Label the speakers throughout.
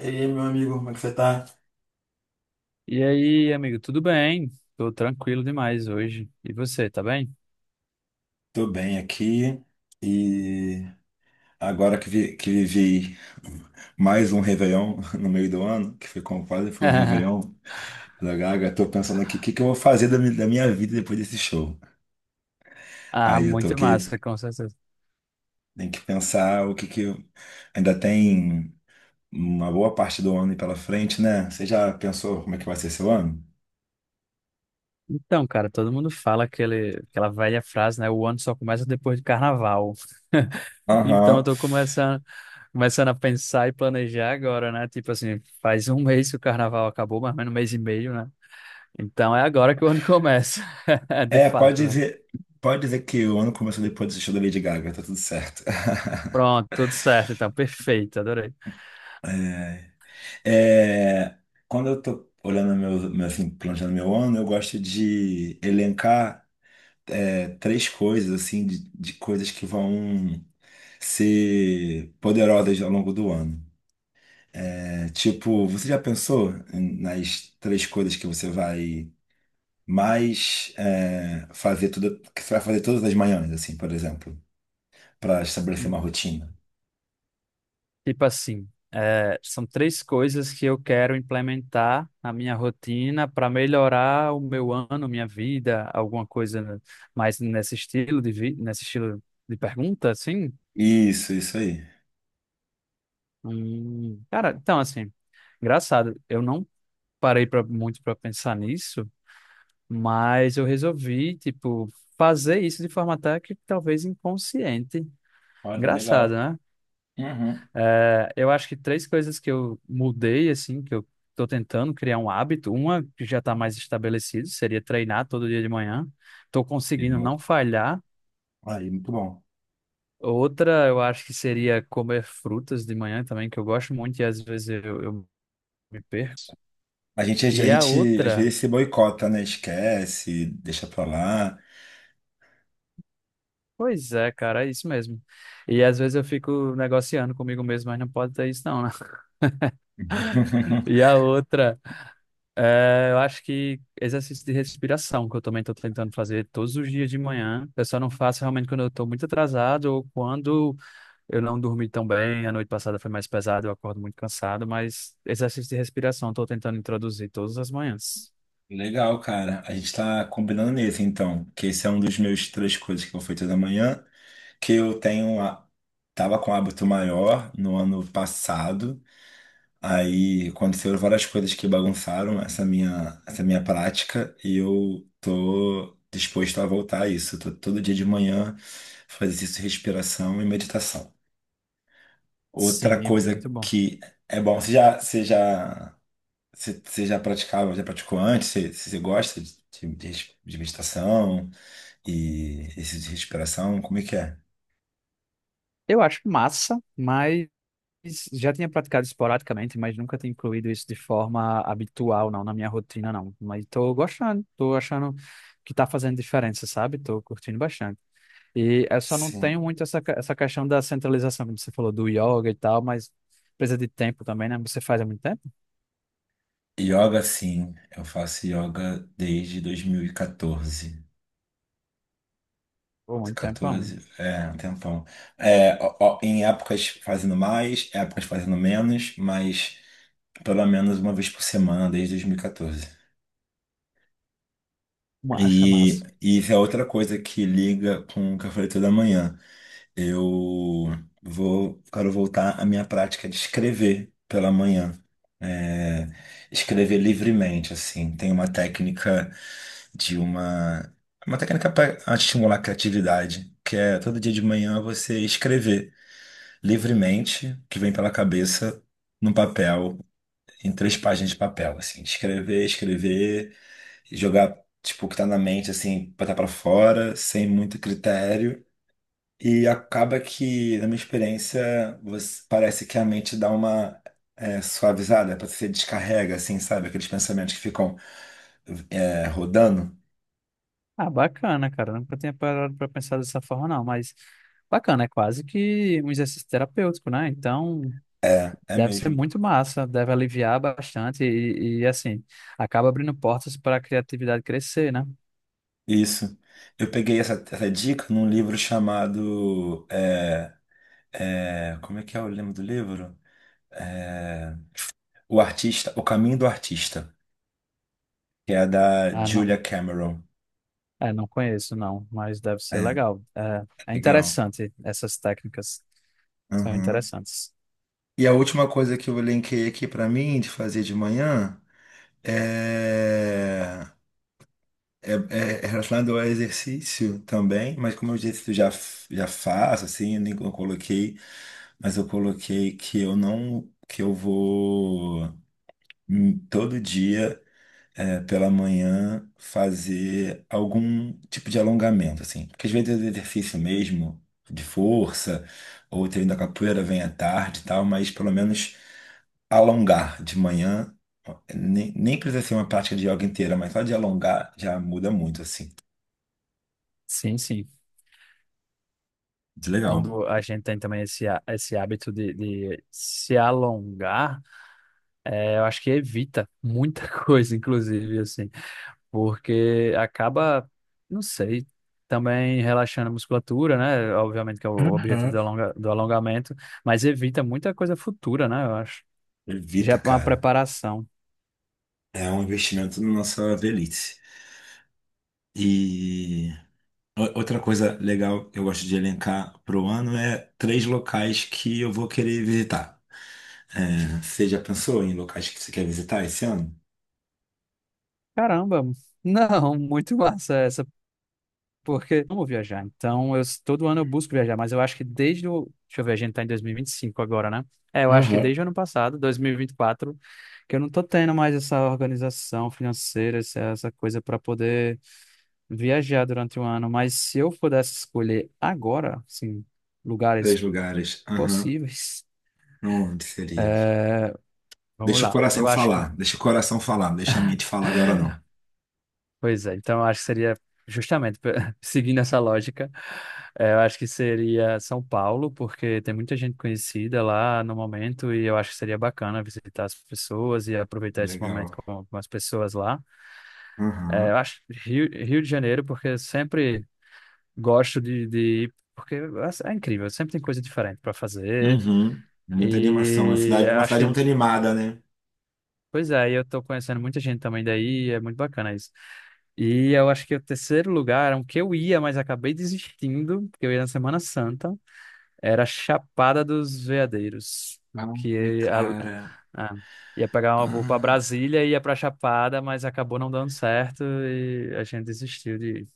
Speaker 1: E aí, meu amigo, como é que você tá?
Speaker 2: E aí, amigo, tudo bem? Tô tranquilo demais hoje. E você, tá bem?
Speaker 1: Tô bem aqui e agora que, que vivi mais um Réveillon no meio do ano, que foi como quase foi um Réveillon da Gaga. Tô pensando aqui o que eu vou fazer da minha vida depois desse show.
Speaker 2: Ah,
Speaker 1: Aí eu tô
Speaker 2: muito
Speaker 1: aqui,
Speaker 2: massa, com certeza.
Speaker 1: tem que pensar o que que eu... Ainda tem uma boa parte do ano pela frente, né? Você já pensou como é que vai ser seu ano?
Speaker 2: Então, cara, todo mundo fala aquela velha frase, né? O ano só começa depois do carnaval. Então, eu
Speaker 1: Aham.
Speaker 2: tô começando a pensar e planejar agora, né? Tipo assim, faz um mês que o carnaval acabou, mais ou menos um mês e meio, né? Então, é agora que o ano começa, de
Speaker 1: É,
Speaker 2: fato, né?
Speaker 1: pode dizer que o ano começou depois desse show da Lady Gaga, tá tudo certo.
Speaker 2: Pronto, tudo certo, então, perfeito, adorei.
Speaker 1: É, quando eu tô olhando meu, assim, planejando meu ano, eu gosto de elencar três coisas, assim, de coisas que vão ser poderosas ao longo do ano. É, tipo, você já pensou nas três coisas que você vai mais fazer tudo, que você vai fazer todas as manhãs, assim, por exemplo, para estabelecer uma rotina?
Speaker 2: Tipo assim, são três coisas que eu quero implementar na minha rotina para melhorar o meu ano, minha vida, alguma coisa mais nesse estilo de vi nesse estilo de pergunta, assim.
Speaker 1: Isso aí.
Speaker 2: Cara, então assim, engraçado, eu não parei muito para pensar nisso, mas eu resolvi, tipo, fazer isso de forma até que talvez inconsciente.
Speaker 1: Olha,
Speaker 2: Engraçado, né?
Speaker 1: hum,
Speaker 2: É, eu acho que três coisas que eu mudei, assim, que eu tô tentando criar um hábito. Uma que já tá mais estabelecido, seria treinar todo dia de manhã. Tô
Speaker 1: e
Speaker 2: conseguindo
Speaker 1: bo-
Speaker 2: não falhar.
Speaker 1: aí, muito bom.
Speaker 2: Outra, eu acho que seria comer frutas de manhã também, que eu gosto muito e às vezes eu me perco.
Speaker 1: A gente, a
Speaker 2: E a
Speaker 1: gente às
Speaker 2: outra,
Speaker 1: vezes se boicota, né? Esquece, deixa pra lá.
Speaker 2: pois é, cara, é isso mesmo. E às vezes eu fico negociando comigo mesmo, mas não pode ter isso não, né? E a outra. É, eu acho que exercício de respiração, que eu também estou tentando fazer todos os dias de manhã. Eu só não faço realmente quando eu estou muito atrasado ou quando eu não dormi tão bem. A noite passada foi mais pesada, eu acordo muito cansado, mas exercício de respiração estou tentando introduzir todas as manhãs.
Speaker 1: Legal, cara. A gente tá combinando nesse, então. Que esse é um dos meus três coisas que eu fui toda manhã. Que eu tenho. A... Tava com um hábito maior no ano passado. Aí aconteceram várias coisas que bagunçaram essa minha prática. E eu tô disposto a voltar a isso. Tô todo dia de manhã fazer isso, respiração e meditação. Outra
Speaker 2: Sim,
Speaker 1: coisa
Speaker 2: muito bom.
Speaker 1: que é bom. Você já praticava, já praticou antes? Você gosta de meditação e esse de respiração? Como é que é?
Speaker 2: Eu acho massa, mas já tinha praticado esporadicamente, mas nunca tinha incluído isso de forma habitual, não, na minha rotina, não. Mas estou gostando, estou achando que está fazendo diferença, sabe? Estou curtindo bastante. E eu só não
Speaker 1: Sim.
Speaker 2: tenho muito essa questão da centralização, como você falou, do yoga e tal, mas precisa de tempo também, né? Você faz há muito tempo?
Speaker 1: Yoga, sim. Eu faço yoga desde 2014.
Speaker 2: Pô, muito tempo, é um.
Speaker 1: 14, é, um tempão. É, ó, ó, em épocas fazendo mais, épocas fazendo menos, mas pelo menos uma vez por semana desde 2014.
Speaker 2: Massa,
Speaker 1: E
Speaker 2: massa.
Speaker 1: e isso é outra coisa que liga com o que eu falei toda manhã. Eu vou, quero voltar à minha prática de escrever pela manhã. É, escrever livremente, assim. Tem uma técnica de uma. Uma técnica para estimular a criatividade, que é todo dia de manhã você escrever livremente o que vem pela cabeça num papel, em três páginas de papel, assim. Escrever, escrever jogar, tipo, o que tá na mente, assim, botar pra fora, sem muito critério. E acaba que, na minha experiência, você- parece que a mente dá uma suavizada, parece que você descarrega, assim, sabe? Aqueles pensamentos que ficam rodando.
Speaker 2: Ah, bacana, cara. Nunca tinha parado pra pensar dessa forma, não, mas bacana, é quase que um exercício terapêutico, né? Então.
Speaker 1: É, é
Speaker 2: Deve ser
Speaker 1: mesmo.
Speaker 2: muito massa, deve aliviar bastante e assim, acaba abrindo portas para a criatividade crescer, né?
Speaker 1: Isso. Eu peguei essa dica num livro chamado. Como é que é o nome do livro? É, o Artista, O Caminho do Artista, que é da
Speaker 2: Ah, não,
Speaker 1: Julia Cameron.
Speaker 2: é, não conheço, não, mas deve ser
Speaker 1: É,
Speaker 2: legal. É, é
Speaker 1: legal.
Speaker 2: interessante, essas técnicas são
Speaker 1: Aham.
Speaker 2: interessantes.
Speaker 1: E a última coisa que eu elenquei aqui para mim de fazer de manhã é, é, é relacionado ao exercício também, mas como eu disse, eu já, já faço, assim, eu nem eu coloquei, mas eu coloquei que eu não, que eu vou todo dia pela manhã fazer algum tipo de alongamento, assim, porque às vezes o exercício mesmo de força ou o treino da capoeira vem à tarde e tal, mas pelo menos alongar de manhã, nem precisa ser uma prática de yoga inteira, mas só de alongar já muda muito, assim.
Speaker 2: Sim, sim.
Speaker 1: Muito legal.
Speaker 2: Quando a gente tem também esse hábito de se alongar, eu acho que evita muita coisa, inclusive, assim, porque acaba, não sei, também relaxando a musculatura, né? Obviamente que é o objetivo
Speaker 1: Uhum.
Speaker 2: do do alongamento, mas evita muita coisa futura, né? Eu acho. Já é
Speaker 1: Evita,
Speaker 2: uma
Speaker 1: cara.
Speaker 2: preparação.
Speaker 1: É um investimento na nossa velhice. E outra coisa legal que eu gosto de elencar pro ano é três locais que eu vou querer visitar. É, você já pensou em locais que você quer visitar esse ano?
Speaker 2: Caramba, não, muito massa essa. Porque eu amo viajar. Então, eu, todo ano eu busco viajar, mas eu acho que desde o. Deixa eu ver, a gente tá em 2025 agora, né? É, eu acho que
Speaker 1: Uhum.
Speaker 2: desde o ano passado, 2024, que eu não tô tendo mais essa organização financeira, essa coisa para poder viajar durante o ano. Mas se eu pudesse escolher agora, assim, lugares
Speaker 1: Três lugares. Aham.
Speaker 2: possíveis,
Speaker 1: Não, onde seria?
Speaker 2: vamos
Speaker 1: Deixa o
Speaker 2: lá.
Speaker 1: coração
Speaker 2: Eu acho que...
Speaker 1: falar. Deixa o coração falar. Deixa a mente falar agora não.
Speaker 2: Pois é, então eu acho que seria justamente seguindo essa lógica, eu acho que seria São Paulo, porque tem muita gente conhecida lá no momento e eu acho que seria bacana visitar as pessoas e aproveitar esse momento
Speaker 1: Legal.
Speaker 2: com as pessoas lá. Eu
Speaker 1: Aham.
Speaker 2: acho Rio, Rio de Janeiro, porque eu sempre gosto de ir, porque é incrível, sempre tem coisa diferente para fazer
Speaker 1: Uhum. É, muita animação. A
Speaker 2: e
Speaker 1: cidade,
Speaker 2: eu
Speaker 1: uma
Speaker 2: acho
Speaker 1: cidade
Speaker 2: que...
Speaker 1: muito animada, né?
Speaker 2: Pois é, e eu tô conhecendo muita gente também daí, é muito bacana isso. E eu acho que o terceiro lugar, era um que eu ia, mas acabei desistindo, porque eu ia na Semana Santa, era Chapada dos Veadeiros,
Speaker 1: Ai,
Speaker 2: que a,
Speaker 1: cara.
Speaker 2: ah, ia pegar uma voo para
Speaker 1: Ah.
Speaker 2: Brasília e ia para Chapada, mas acabou não dando certo e a gente desistiu de ir.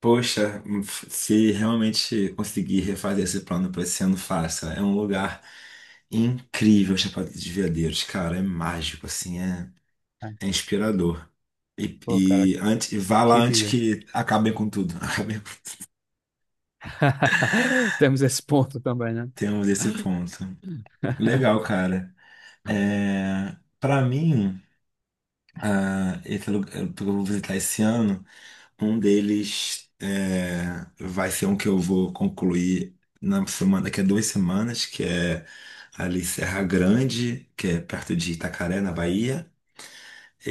Speaker 1: Poxa, se realmente conseguir refazer esse plano para esse ano, faça. É um lugar incrível, Chapada dos Veadeiros, cara. É mágico, assim, é,
Speaker 2: Ai,
Speaker 1: é inspirador. E,
Speaker 2: pô, cara,
Speaker 1: e antes, e vá lá
Speaker 2: que
Speaker 1: antes
Speaker 2: dia.
Speaker 1: que acabem com tudo. Acabem com...
Speaker 2: Temos esse ponto também, né?
Speaker 1: Temos esse ponto. Legal, cara. É, para mim, ah, esse lugar que eu vou visitar esse ano, um deles vai ser um que eu vou concluir na semana, daqui a 2 semanas, que é ali Serra Grande, que é perto de Itacaré, na Bahia.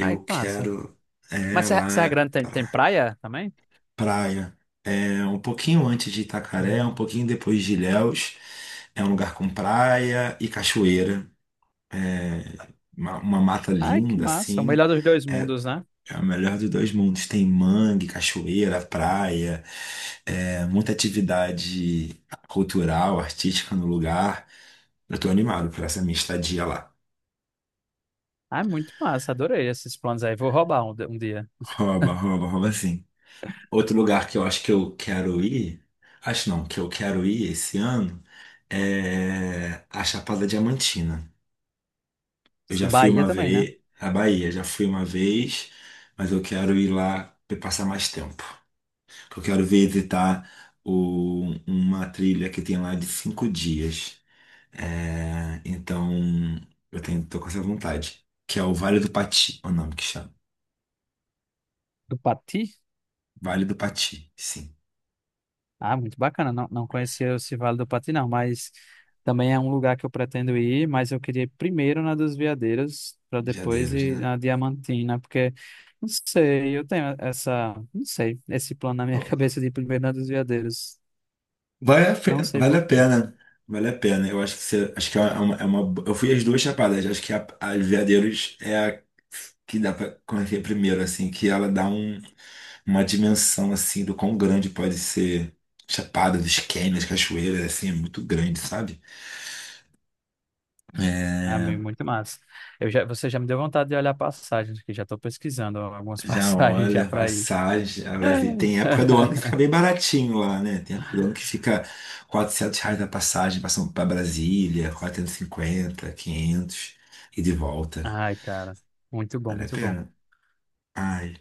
Speaker 2: Ai passa.
Speaker 1: quero
Speaker 2: Mas Serra
Speaker 1: lá
Speaker 2: Serra
Speaker 1: é
Speaker 2: Grande tem, tem praia também?
Speaker 1: praia. É um pouquinho antes de Itacaré, um pouquinho depois de Ilhéus. É um lugar com praia e cachoeira. É uma mata
Speaker 2: Ai, que
Speaker 1: linda,
Speaker 2: massa. O
Speaker 1: assim.
Speaker 2: melhor dos dois mundos, né?
Speaker 1: É o melhor dos dois mundos. Tem mangue, cachoeira, praia. É, muita atividade cultural, artística no lugar. Eu tô animado por essa minha estadia lá.
Speaker 2: Ai, muito massa. Adorei esses planos aí. Vou roubar um dia.
Speaker 1: Rouba, rouba, rouba sim. Outro lugar que eu acho que eu quero ir, acho não, que eu quero ir esse ano é a Chapada Diamantina. Eu já fui
Speaker 2: Bahia
Speaker 1: uma
Speaker 2: também, né?
Speaker 1: vez na Bahia, já fui uma vez, mas eu quero ir lá para passar mais tempo. Eu quero visitar uma trilha que tem lá de 5 dias. É, então, eu tenho, tô com essa vontade. Que é o Vale do Pati, é o nome que chama.
Speaker 2: Do Pati.
Speaker 1: Vale do Pati, sim.
Speaker 2: Ah, muito bacana. Não, não conhecia esse Vale do Pati, não, mas também é um lugar que eu pretendo ir, mas eu queria ir primeiro na dos Veadeiros, para depois
Speaker 1: De
Speaker 2: ir
Speaker 1: né?
Speaker 2: na Diamantina, porque não sei, eu tenho essa, não sei, esse plano na minha cabeça de ir primeiro na dos Veadeiros. Não sei
Speaker 1: Vale a
Speaker 2: porquê...
Speaker 1: pena. Vale a pena. Eu acho que você, acho que eu fui as duas chapadas. Acho que a Veadeiros é a que dá pra conhecer primeiro, assim, que ela dá uma dimensão assim do quão grande pode ser Chapada dos Canyons, cachoeiras, assim, é muito grande, sabe?
Speaker 2: Ah,
Speaker 1: É,
Speaker 2: meu, muito massa. Eu já, você já me deu vontade de olhar passagens, que já estou pesquisando algumas
Speaker 1: já
Speaker 2: passagens já
Speaker 1: olha,
Speaker 2: para ir.
Speaker 1: passagem, a Brasília. Tem época do ano que fica bem baratinho lá, né? Tem época do ano que fica 400 reais a passagem para Brasília, 450, 500, e de volta.
Speaker 2: Ai, cara, muito bom,
Speaker 1: Vale a
Speaker 2: muito bom.
Speaker 1: pena. Ai.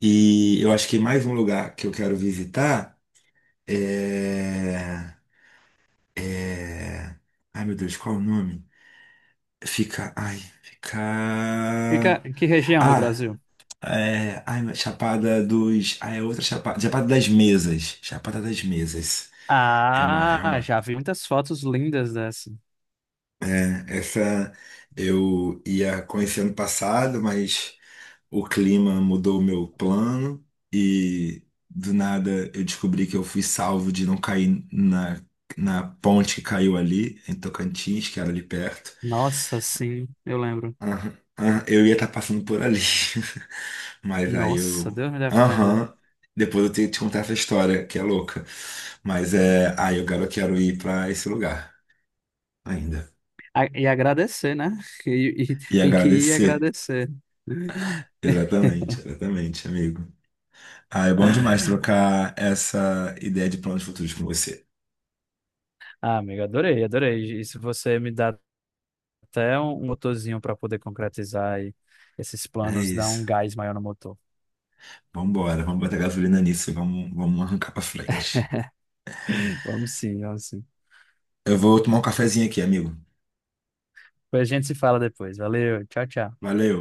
Speaker 1: E eu acho que mais um lugar que eu quero visitar é... é... Ai, meu Deus, qual é o nome? Fica... Ai, fica...
Speaker 2: Fica em que região do
Speaker 1: Ah,
Speaker 2: Brasil?
Speaker 1: É, ai, Chapada dos. Ah, é outra Chapada. Chapada das Mesas. Chapada das Mesas. É uma, é
Speaker 2: Ah,
Speaker 1: uma.
Speaker 2: já vi muitas fotos lindas dessa.
Speaker 1: Essa eu ia conhecer ano passado, mas o clima mudou o meu plano e do nada eu descobri que eu fui salvo de não cair na ponte que caiu ali, em Tocantins, que era ali perto.
Speaker 2: Nossa, sim, eu lembro.
Speaker 1: Aham, aham, eu ia estar passando por ali. Mas aí
Speaker 2: Nossa,
Speaker 1: eu.
Speaker 2: Deus me defenda.
Speaker 1: Aham. Depois eu tenho que te contar essa história, que é louca. Mas é. Aí eu quero, quero ir pra esse lugar ainda.
Speaker 2: A- E agradecer, né? E, e
Speaker 1: E
Speaker 2: tem que ir
Speaker 1: agradecer.
Speaker 2: agradecer.
Speaker 1: Exatamente, exatamente, amigo. Ah, é bom demais trocar essa ideia de planos futuros com você.
Speaker 2: Ah, amigo, adorei, adorei. E se você me dá até um motorzinho para poder concretizar e esses
Speaker 1: É
Speaker 2: planos, dar um
Speaker 1: isso.
Speaker 2: gás maior no motor.
Speaker 1: Vambora, vamos botar gasolina nisso e vamos arrancar pra frente.
Speaker 2: Vamos sim, vamos sim.
Speaker 1: Eu vou tomar um cafezinho aqui, amigo.
Speaker 2: Depois a gente se fala depois. Valeu, tchau, tchau.
Speaker 1: Valeu.